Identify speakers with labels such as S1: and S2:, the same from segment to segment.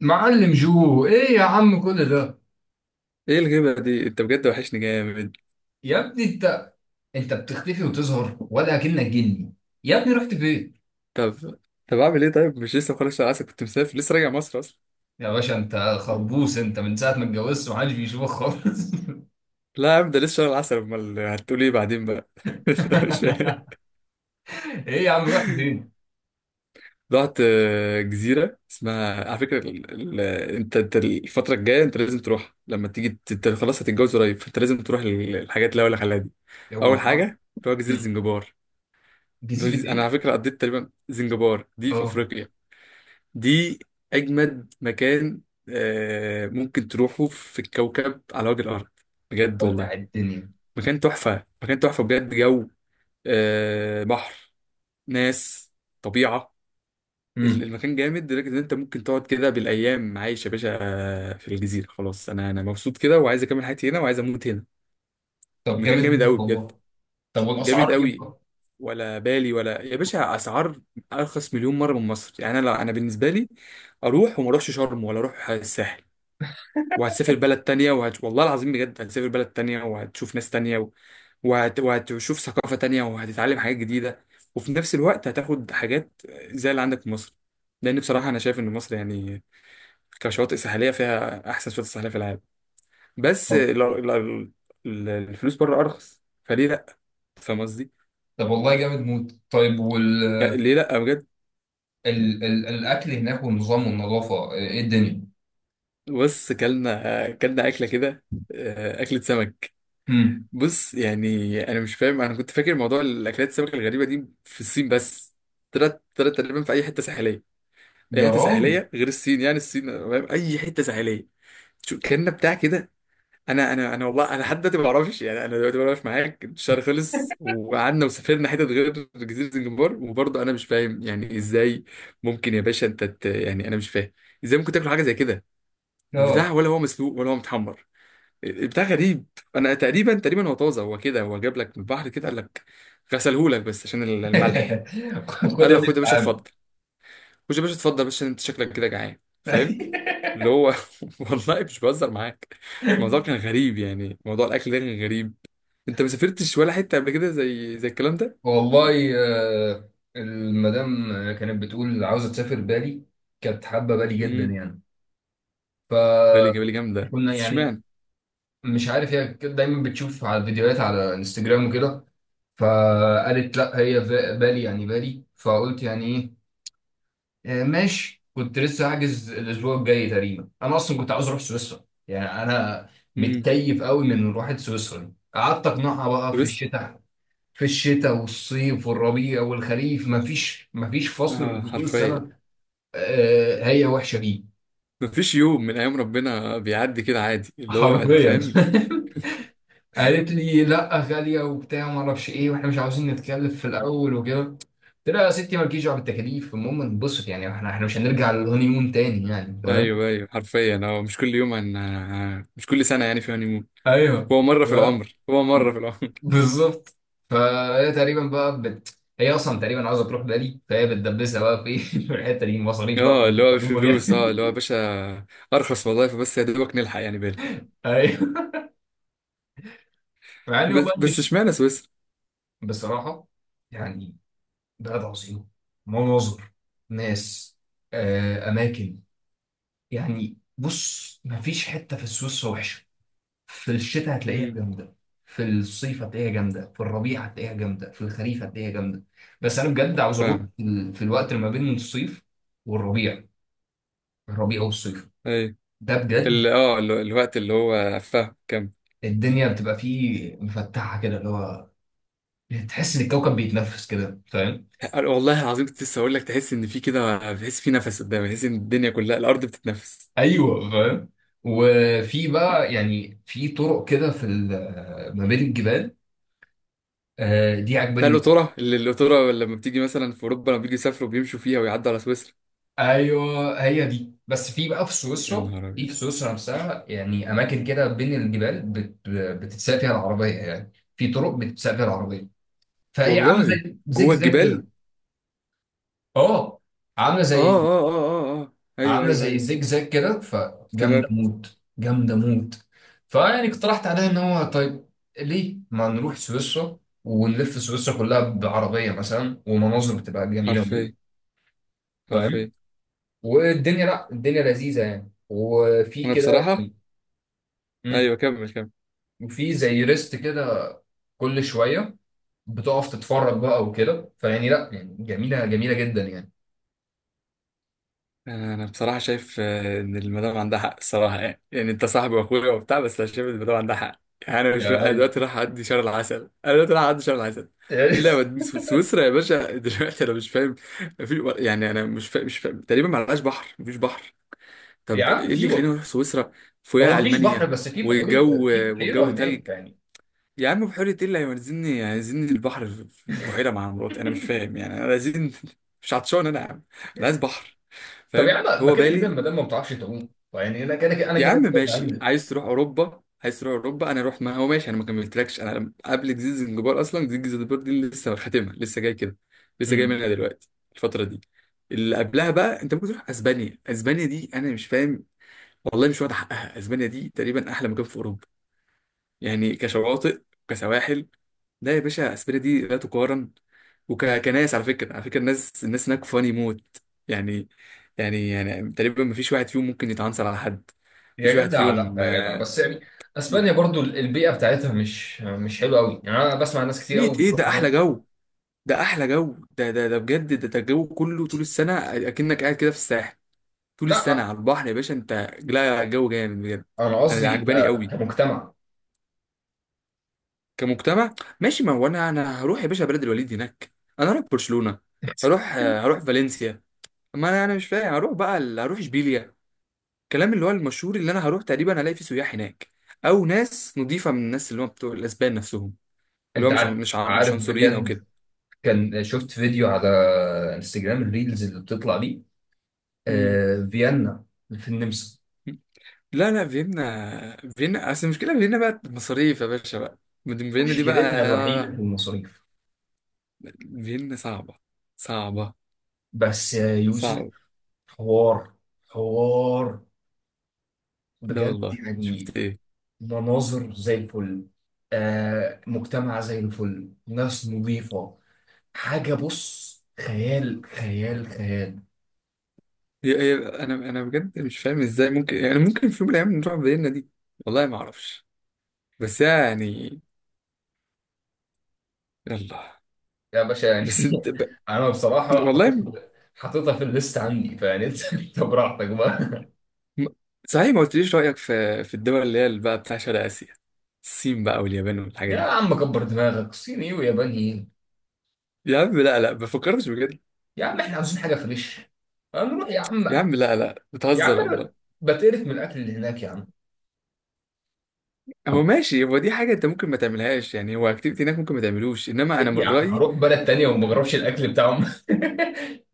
S1: معلم جو، ايه يا عم كل ده؟
S2: ايه الغيبة دي؟ انت بجد وحشني جامد.
S1: يا ابني انت، انت بتختفي وتظهر ولا كأنك جني. يا ابني رحت فين؟
S2: طب طب، اعمل ايه؟ طيب، مش لسه مخلص شهر العسل؟ كنت مسافر، لسه راجع مصر اصلا.
S1: يا باشا انت خربوس، انت من ساعة ما اتجوزت محدش بيشوفك خالص.
S2: لا يا عم، ده لسه شهر العسل، امال هتقول ايه بعدين بقى؟ مش فاهم.
S1: ايه يا عم رحت فين؟
S2: رحت جزيرة اسمها على فكرة ال... انت الفترة الجاية، انت لازم تروح لما انت خلاص هتتجوز قريب، فانت لازم تروح الحاجات اللي هقول لك عليها دي.
S1: يا هو
S2: اول حاجة،
S1: ها؟
S2: اللي هو جزيرة
S1: مم.
S2: زنجبار. اللي هو
S1: جزيرة
S2: انا
S1: ايه؟
S2: على فكرة قضيت تقريبا، زنجبار دي في
S1: اه.
S2: افريقيا. دي أجمد مكان ممكن تروحه في الكوكب على وجه الأرض، بجد والله.
S1: ولع الدنيا.
S2: مكان تحفة، مكان تحفة، بجد جو. بحر، ناس، طبيعة.
S1: مم.
S2: المكان جامد لدرجة إن أنت ممكن تقعد كده بالأيام عايش يا باشا. في الجزيرة خلاص، أنا مبسوط كده وعايز أكمل حياتي هنا وعايز أموت هنا.
S1: طب
S2: المكان
S1: جامد
S2: جامد
S1: موت
S2: أوي بجد.
S1: والله. طب
S2: جامد
S1: والاسعار ايه
S2: أوي.
S1: بقى؟
S2: ولا بالي ولا يا باشا أسعار. أرخص مليون مرة من مصر. يعني أنا بالنسبة لي أروح وما أروحش شرم ولا أروح الساحل. وهتسافر بلد تانية والله العظيم بجد هتسافر بلد تانية وهتشوف ناس تانية وهتشوف ثقافة تانية وهتتعلم حاجات جديدة. وفي نفس الوقت هتاخد حاجات زي اللي عندك في مصر، لأن بصراحة أنا شايف إن مصر يعني كشواطئ ساحلية فيها أحسن شواطئ ساحلية في العالم. بس
S1: طب،
S2: الفلوس بره أرخص، فليه لأ؟ فاهم قصدي؟
S1: طب والله جامد موت. طيب
S2: ليه لأ بجد.
S1: الاكل هناك والنظام والنظافة، ايه الدنيا؟
S2: بص، كلنا أكلة كده. أكلة سمك.
S1: مم.
S2: بص يعني انا مش فاهم، انا كنت فاكر موضوع الاكلات السمك الغريبه دي في الصين بس. طلعت تقريبا في اي حته ساحليه، اي
S1: يا
S2: حته
S1: راجل.
S2: ساحليه غير الصين يعني. الصين فاهم، اي حته ساحليه. شو كان بتاع كده. انا والله انا لحد دلوقتي ما بعرفش، يعني انا دلوقتي بعرف معاك الشهر خلص وقعدنا وسافرنا حتت غير جزيره الجمبار، وبرضه انا مش فاهم يعني ازاي ممكن يا باشا انت يعني انا مش فاهم ازاي ممكن تاكل حاجه زي كده. البتاع،
S1: اه.
S2: ولا هو مسلوق ولا هو متحمر؟ بتاع غريب. انا تقريبا، تقريبا هو طازه، هو كده، هو جاب لك من البحر كده، قال لك غسلهولك بس عشان الملح.
S1: خد
S2: قال
S1: يا
S2: له خد
S1: باشا
S2: يا باشا
S1: تعالى.
S2: اتفضل، خد يا باشا اتفضل، بس انت شكلك كده جعان فاهم. اللي هو والله مش بهزر معاك. الموضوع كان غريب، يعني موضوع الاكل ده كان غريب. انت ما سافرتش ولا حته قبل كده زي الكلام ده؟
S1: والله. آه، المدام كانت بتقول عاوزه تسافر بالي. كانت حابه بالي جدا
S2: امم.
S1: يعني.
S2: بالي بالي جامده،
S1: فكنا،
S2: بس
S1: يعني
S2: اشمعنى؟
S1: مش عارف، هي كده دايما بتشوف على الفيديوهات على انستجرام وكده. فقالت لا، هي بالي يعني بالي. فقلت يعني ايه؟ ماشي، كنت لسه هحجز الاسبوع الجاي تقريبا. انا اصلا كنت عاوز اروح سويسرا، يعني انا
S2: امم.
S1: متكيف قوي من روحة سويسرا دي. قعدت اقنعها بقى
S2: بس.
S1: في الشتاء والصيف والربيع والخريف، مفيش فصل من
S2: اه،
S1: فصول
S2: حرفيا.
S1: السنة. هي وحشة بيه.
S2: مفيش يوم من ايام ربنا بيعدي كده عادي اللي هو
S1: حرفيا.
S2: فاهم.
S1: قالت لي لا غالية وبتاع ما اعرفش ايه، واحنا مش عاوزين نتكلف في الاول وكده. قلت لها يا ستي مالكيش دعوه بالتكاليف، المهم انبسط، يعني احنا مش هنرجع للهوني مون تاني، يعني فاهم؟
S2: ايوه، ايوه، حرفيا. هو مش كل يوم مش كل سنه يعني في هانيمون.
S1: ايوه.
S2: هو مره
S1: ف-
S2: في العمر، هو مره في العمر.
S1: بالظبط. فهي تقريبا بقى هي اصلا تقريبا عاوزه تروح بالي، فهي بتدبسها بقى في في الحته دي، مصاريف بقى،
S2: اه اللي هو
S1: مصاريف
S2: بفلوس، اه
S1: بقى.
S2: اللي هو يا باشا ارخص وظايفه، بس يا دوبك نلحق يعني بالي.
S1: ايوه. مع اني
S2: بس
S1: والله
S2: بس
S1: مش
S2: اشمعنى سويسرا؟
S1: بصراحه يعني. بلد عظيم. مناظر. ناس. اماكن. يعني بص، مفيش حته في السويس وحشه. في الشتاء هتلاقيها
S2: امم.
S1: جامده، في الصيف هتلاقيها جامده، في الربيع هتلاقيها جامده، في الخريف هتلاقيها جامده. بس انا بجد عاوز اروح
S2: فاهم.
S1: في في الوقت اللي ما بين الصيف والربيع، الربيع والصيف.
S2: ايوه.
S1: ده بجد،
S2: الوقت اللي هو فاهم كام.
S1: الدنيا بتبقى فيه مفتحه كده، اللي هو تحس ان الكوكب بيتنفس كده، فاهم؟
S2: والله العظيم كنت لسه اقول لك، تحس ان في كده، تحس في نفس قدامك، تحس ان الدنيا كلها الارض بتتنفس.
S1: ايوه، فاهم. وفي بقى يعني في طرق كده في ما بين الجبال. دي
S2: بتاع
S1: عجباني موت.
S2: القطوره، القطوره لما بتيجي مثلا في اوروبا لما بيجي يسافروا بيمشوا فيها ويعدوا على سويسرا.
S1: ايوه، هي دي. بس في بقى في
S2: يا
S1: سويسرا.
S2: نهار
S1: في
S2: ابيض.
S1: في سويسرا نفسها يعني، اماكن كده بين الجبال بتتساق فيها العربيه، يعني في طرق بتتساق فيها العربيه، فهي عامله
S2: والله.
S1: زي زيج
S2: جوه
S1: زاج
S2: الجبال.
S1: كده. اه، عامله
S2: اه،
S1: زي
S2: اه، اه، اه، اه، ايوه،
S1: عامله
S2: ايوه،
S1: زي
S2: ايوه.
S1: زجزاج كده، فجامده
S2: افتكرت.
S1: موت جامده موت. فيعني اقترحت عليها ان هو طيب، ليه ما نروح سويسرا ونلف سويسرا كلها بعربيه مثلا، ومناظر بتبقى جميله موت،
S2: حرفيا.
S1: فاهم؟
S2: حرفيا.
S1: والدنيا، لا الدنيا لذيذه يعني وفي
S2: انا
S1: كده.
S2: بصراحه.
S1: يعني- مم.
S2: ايوه، كمل كمل.
S1: وفي زي ريست كده كل شويه بتقف تتفرج بقى وكده، فيعني لا، يعني جميله جميله جدا يعني.
S2: انا بصراحه شايف ان المدام عندها حق الصراحه. يعني، يعني انت صاحبي واخويا وبتاع، بس انا شايف ان المدام عندها حق. يعني انا مش بقى، أنا
S1: ده-
S2: دلوقتي رايح اعدي شهر العسل، انا دلوقتي رايح اعدي شهر العسل. ايه لا مد- سو- سويسرا يا باشا دلوقتي انا مش فاهم. في، يعني انا مش فاهم، مش فاهم. تقريبا ما لهاش بحر، مفيش بحر.
S1: يا
S2: طب ايه
S1: عم، في
S2: اللي يخليني اروح سويسرا؟
S1: هو
S2: فوقها
S1: ما فيش بحر،
S2: المانيا.
S1: بس في
S2: والجو،
S1: بحيرة،
S2: والجو تلج.
S1: هناك يعني.
S2: يا عم بحيرة ايه اللي هينزلني، هينزلني البحر في بحيرة مع مراتي؟ انا مش فاهم يعني، انا عايزين مش عطشان انا يا عم، انا عايز بحر.
S1: طب يا
S2: فاهم.
S1: عم، ما
S2: هو
S1: كده كده
S2: بالي.
S1: ما دام ما بتعرفش تعوم، يعني انا كده كده،
S2: يا عم ماشي،
S1: بهندل.
S2: عايز تروح اوروبا، عايز تروح اوروبا انا اروح. ما هو ماشي، انا ما كملتلكش، انا قبل جزيرة زنجبار اصلا جزيرة زنجبار دي لسه خاتمها، لسه جاي كده، لسه جاي
S1: امم.
S2: منها دلوقتي، الفترة دي. اللي قبلها بقى انت ممكن تروح اسبانيا. اسبانيا دي انا مش فاهم، والله مش واخد حقها. اسبانيا دي تقريبا احلى مكان في اوروبا، يعني كشواطئ، كسواحل. لا يا باشا اسبانيا دي لا تقارن. وكناس على فكره، على فكره الناس، الناس هناك فاني موت. يعني، يعني، يعني تقريبا ما فيش واحد فيهم ممكن يتعنصر على حد. ما
S1: يا
S2: فيش واحد
S1: جدع، لا
S2: فيهم
S1: يا جدع، بس يعني
S2: ي-
S1: اسبانيا برضو البيئه بتاعتها مش حلوه قوي يعني، انا بسمع ناس كتير
S2: بيت
S1: قوي
S2: ايه
S1: بتروح
S2: ده،
S1: هناك.
S2: احلى جو. ده احلى جو، ده ده ده بجد، ده ده الجو كله طول السنه. اكنك قاعد كده في الساحل طول السنه
S1: لا،
S2: على البحر يا باشا انت. لا الجو جامد بجد.
S1: انا
S2: انا
S1: قصدي
S2: عجباني قوي.
S1: كمجتمع.
S2: كمجتمع ماشي، ما هو انا، انا هروح يا باشا بلد الوليد هناك. انا هروح برشلونه، هروح هروح فالنسيا، ما انا انا مش فاهم هروح بقى هروح اشبيليا. الكلام اللي هو المشهور، اللي انا هروح تقريبا الاقي فيه سياح هناك، او ناس نضيفه من الناس اللي هم بتوع الاسبان نفسهم، اللي هو
S1: انت عارف،
S2: مش
S1: عارف
S2: عنصريين او
S1: بجد.
S2: كده.
S1: كان شفت فيديو على انستجرام، الريلز اللي بتطلع دي.
S2: مم.
S1: فيينا في النمسا.
S2: لا لا، فيينا. فيينا اصل المشكله، فيينا بقى مصاريف يا باشا بقى. مدن فيينا دي بقى
S1: مشكلتها الوحيده في المصاريف.
S2: فيينا صعبه، صعبه،
S1: بس يا يوسف،
S2: صعبه.
S1: حوار، حوار
S2: لا
S1: بجد
S2: والله،
S1: يعني.
S2: شفت ايه.
S1: مناظر زي الفل. آه، مجتمع زي الفل، ناس نظيفة. حاجة، بص، خيال خيال خيال.
S2: هي هي انا، انا بجد مش فاهم ازاي ممكن، يعني ممكن في يوم من الايام نروح فيينا دي. والله ما اعرفش. بس يعني. يلا.
S1: يا باشا يعني،
S2: بس انت
S1: انا بصراحه
S2: والله.
S1: حطيتها، في الليست عندي. فيعني انت، انت براحتك بقى.
S2: م- صحيح ما قلتليش رأيك في الدول اللي هي اللي بقى بتاع شرق آسيا، الصين بقى واليابان والحاجات
S1: يا
S2: دي.
S1: عم كبر دماغك، صيني وياباني ايه؟
S2: يا عم لا لا، ما فكرتش بجد.
S1: يا عم احنا عاوزين حاجه فريش. هنروح يا عم.
S2: يا عم لا لا،
S1: يا عم
S2: بتهزر
S1: انا
S2: والله.
S1: بتقرف من الاكل اللي هناك يا عم.
S2: هو ماشي، هو دي حاجة انت ممكن ما تعملهاش يعني، هو اكتيفيتي هناك ممكن ما تعملوش، انما انا من
S1: يا عم
S2: رأيي.
S1: هروح بلد تانية وما بجربش الاكل بتاعهم؟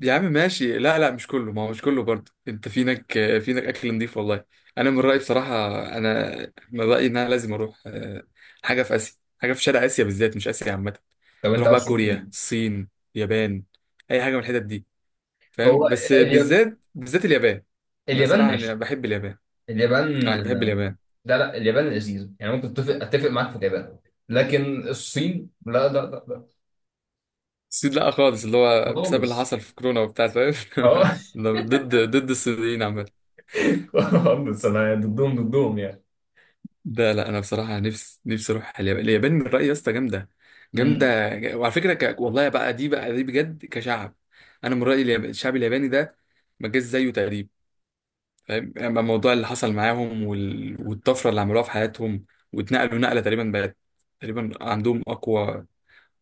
S2: يا عم ماشي، لا لا، مش كله، ما هو مش كله برضه، انت في هناك، في هناك اكل نضيف والله. انا من رأيي بصراحة، انا من رأيي ان انا لازم اروح حاجة في آسيا، حاجة في شرق آسيا بالذات، مش آسيا عامة.
S1: طب انت
S2: نروح بقى
S1: عاوز تروح
S2: كوريا،
S1: فين؟
S2: الصين، اليابان، اي حاجة من الحتت دي فاهم.
S1: هو
S2: بس
S1: اليا-
S2: بالذات، بالذات اليابان. انا
S1: اليابان
S2: صراحه أنا
S1: ماشي.
S2: بحب اليابان،
S1: اليابان،
S2: انا بحب اليابان.
S1: لا لا اليابان لذيذة يعني، ممكن اتفق، اتفق معاك في اليابان، لكن الصين لا لا لا لا.
S2: الصين لا خالص، اللي هو بسبب اللي
S1: خالص.
S2: حصل في كورونا وبتاع فاهم.
S1: اه.
S2: ضد، ضد الصينيين عامه.
S1: خالص، انا ضدهم، ضدهم يعني.
S2: ده لا انا بصراحه نفسي، نفسي اروح اليابان. اليابان من رايي يا اسطى جامده،
S1: امم.
S2: وعلى فكره والله بقى، دي بقى دي بجد كشعب. انا من رايي اليابان، الشعب الياباني ده ما جاش زيه تقريبا فاهم. اما الموضوع اللي حصل معاهم والطفره اللي عملوها في حياتهم، واتنقلوا نقله تقريبا بقت تقريبا عندهم اقوى،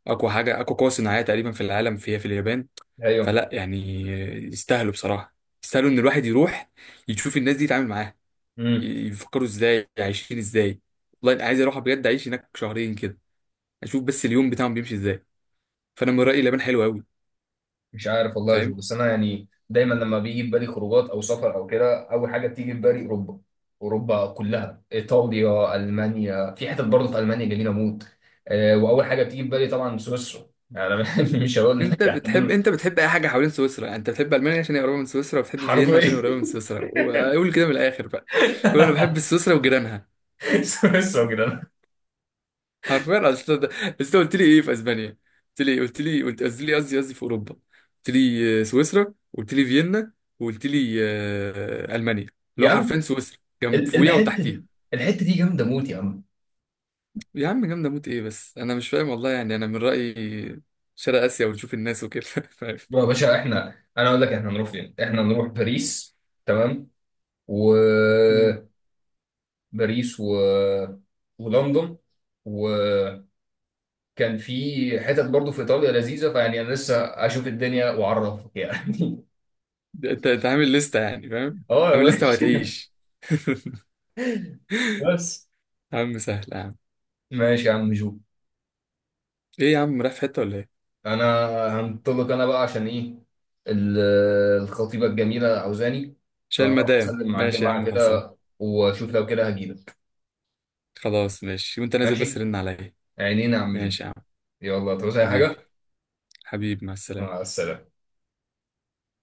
S2: اقوى حاجه، اقوى قوه صناعيه تقريبا في العالم، فيها في اليابان.
S1: ايوه.
S2: فلا يعني، يستاهلوا بصراحه. يستاهلوا ان الواحد يروح يشوف الناس دي، يتعامل معاها،
S1: امم.
S2: يفكروا ازاي، عايشين ازاي. والله انا عايز اروح بجد اعيش هناك شهرين كده، اشوف بس اليوم بتاعهم بيمشي ازاي. فانا من رايي اليابان حلوه قوي.
S1: مش عارف والله يا جو،
S2: فاهم.
S1: بس انا يعني دايما لما بيجي في بالي خروجات او سفر او كده، اول حاجه بتيجي في بالي اوروبا. اوروبا كلها، ايطاليا، المانيا. في حتت برضه في المانيا جميله موت. واول حاجه بتيجي في بالي طبعا سويسرا، يعني أنا مش هقول
S2: انت
S1: لك
S2: بتحب
S1: عندنا.
S2: انت بتحب اي حاجه حوالين سويسرا يعني. انت بتحب المانيا عشان هي قريبه من سويسرا، وبتحب فيينا عشان هي
S1: حرفيا.
S2: قريبه من سويسرا، وقول كده من الاخر بقى. قول انا بحب سويسرا وجيرانها.
S1: سويسرا كده.
S2: حرفيا. اصل اصل انت قلت لي ايه في اسبانيا؟ قلت لي قصدي، لي قصدي في اوروبا. قلت لي سويسرا، قلت لي فيينا، وقلت لي المانيا، اللي
S1: يا
S2: هو
S1: عم،
S2: حرفيا سويسرا جنب،
S1: ال-
S2: فوقيها
S1: الحته
S2: وتحتيها.
S1: دي الحته دي جامده موت يا عم.
S2: يا عم جامده موت، ايه بس انا مش فاهم والله يعني. انا من رايي شرق اسيا، وتشوف الناس وكده فاهم.
S1: بقى يا باشا، انا اقول لك احنا هنروح فين. احنا هنروح باريس، تمام، و
S2: مم.
S1: باريس و ولندن. وكان في حتت برضه في ايطاليا لذيذه، فيعني انا لسه اشوف الدنيا واعرفك يعني.
S2: انت عامل لسته يعني فاهم.
S1: اه يا
S2: عامل لسته
S1: باشا.
S2: وهتعيش.
S1: بس.
S2: يا عم سهل يا عم.
S1: ماشي يا عم جو.
S2: ايه يا عم رايح في حته ولا ايه؟
S1: انا هنطلق انا بقى، عشان ايه؟ ال- الخطيبه الجميله عاوزاني.
S2: شايل مدام،
S1: فاسلم مع
S2: ماشي يا
S1: الجماعه
S2: عم، خلصان.
S1: كده، واشوف لو كده هجيلك.
S2: خلاص ماشي، وانت نازل بس
S1: ماشي.
S2: رن عليا.
S1: عينينا يا عم جو.
S2: ماشي يا عم.
S1: يلا تعوز اي حاجه.
S2: حبيبي، حبيبي مع السلامة.
S1: مع السلامه.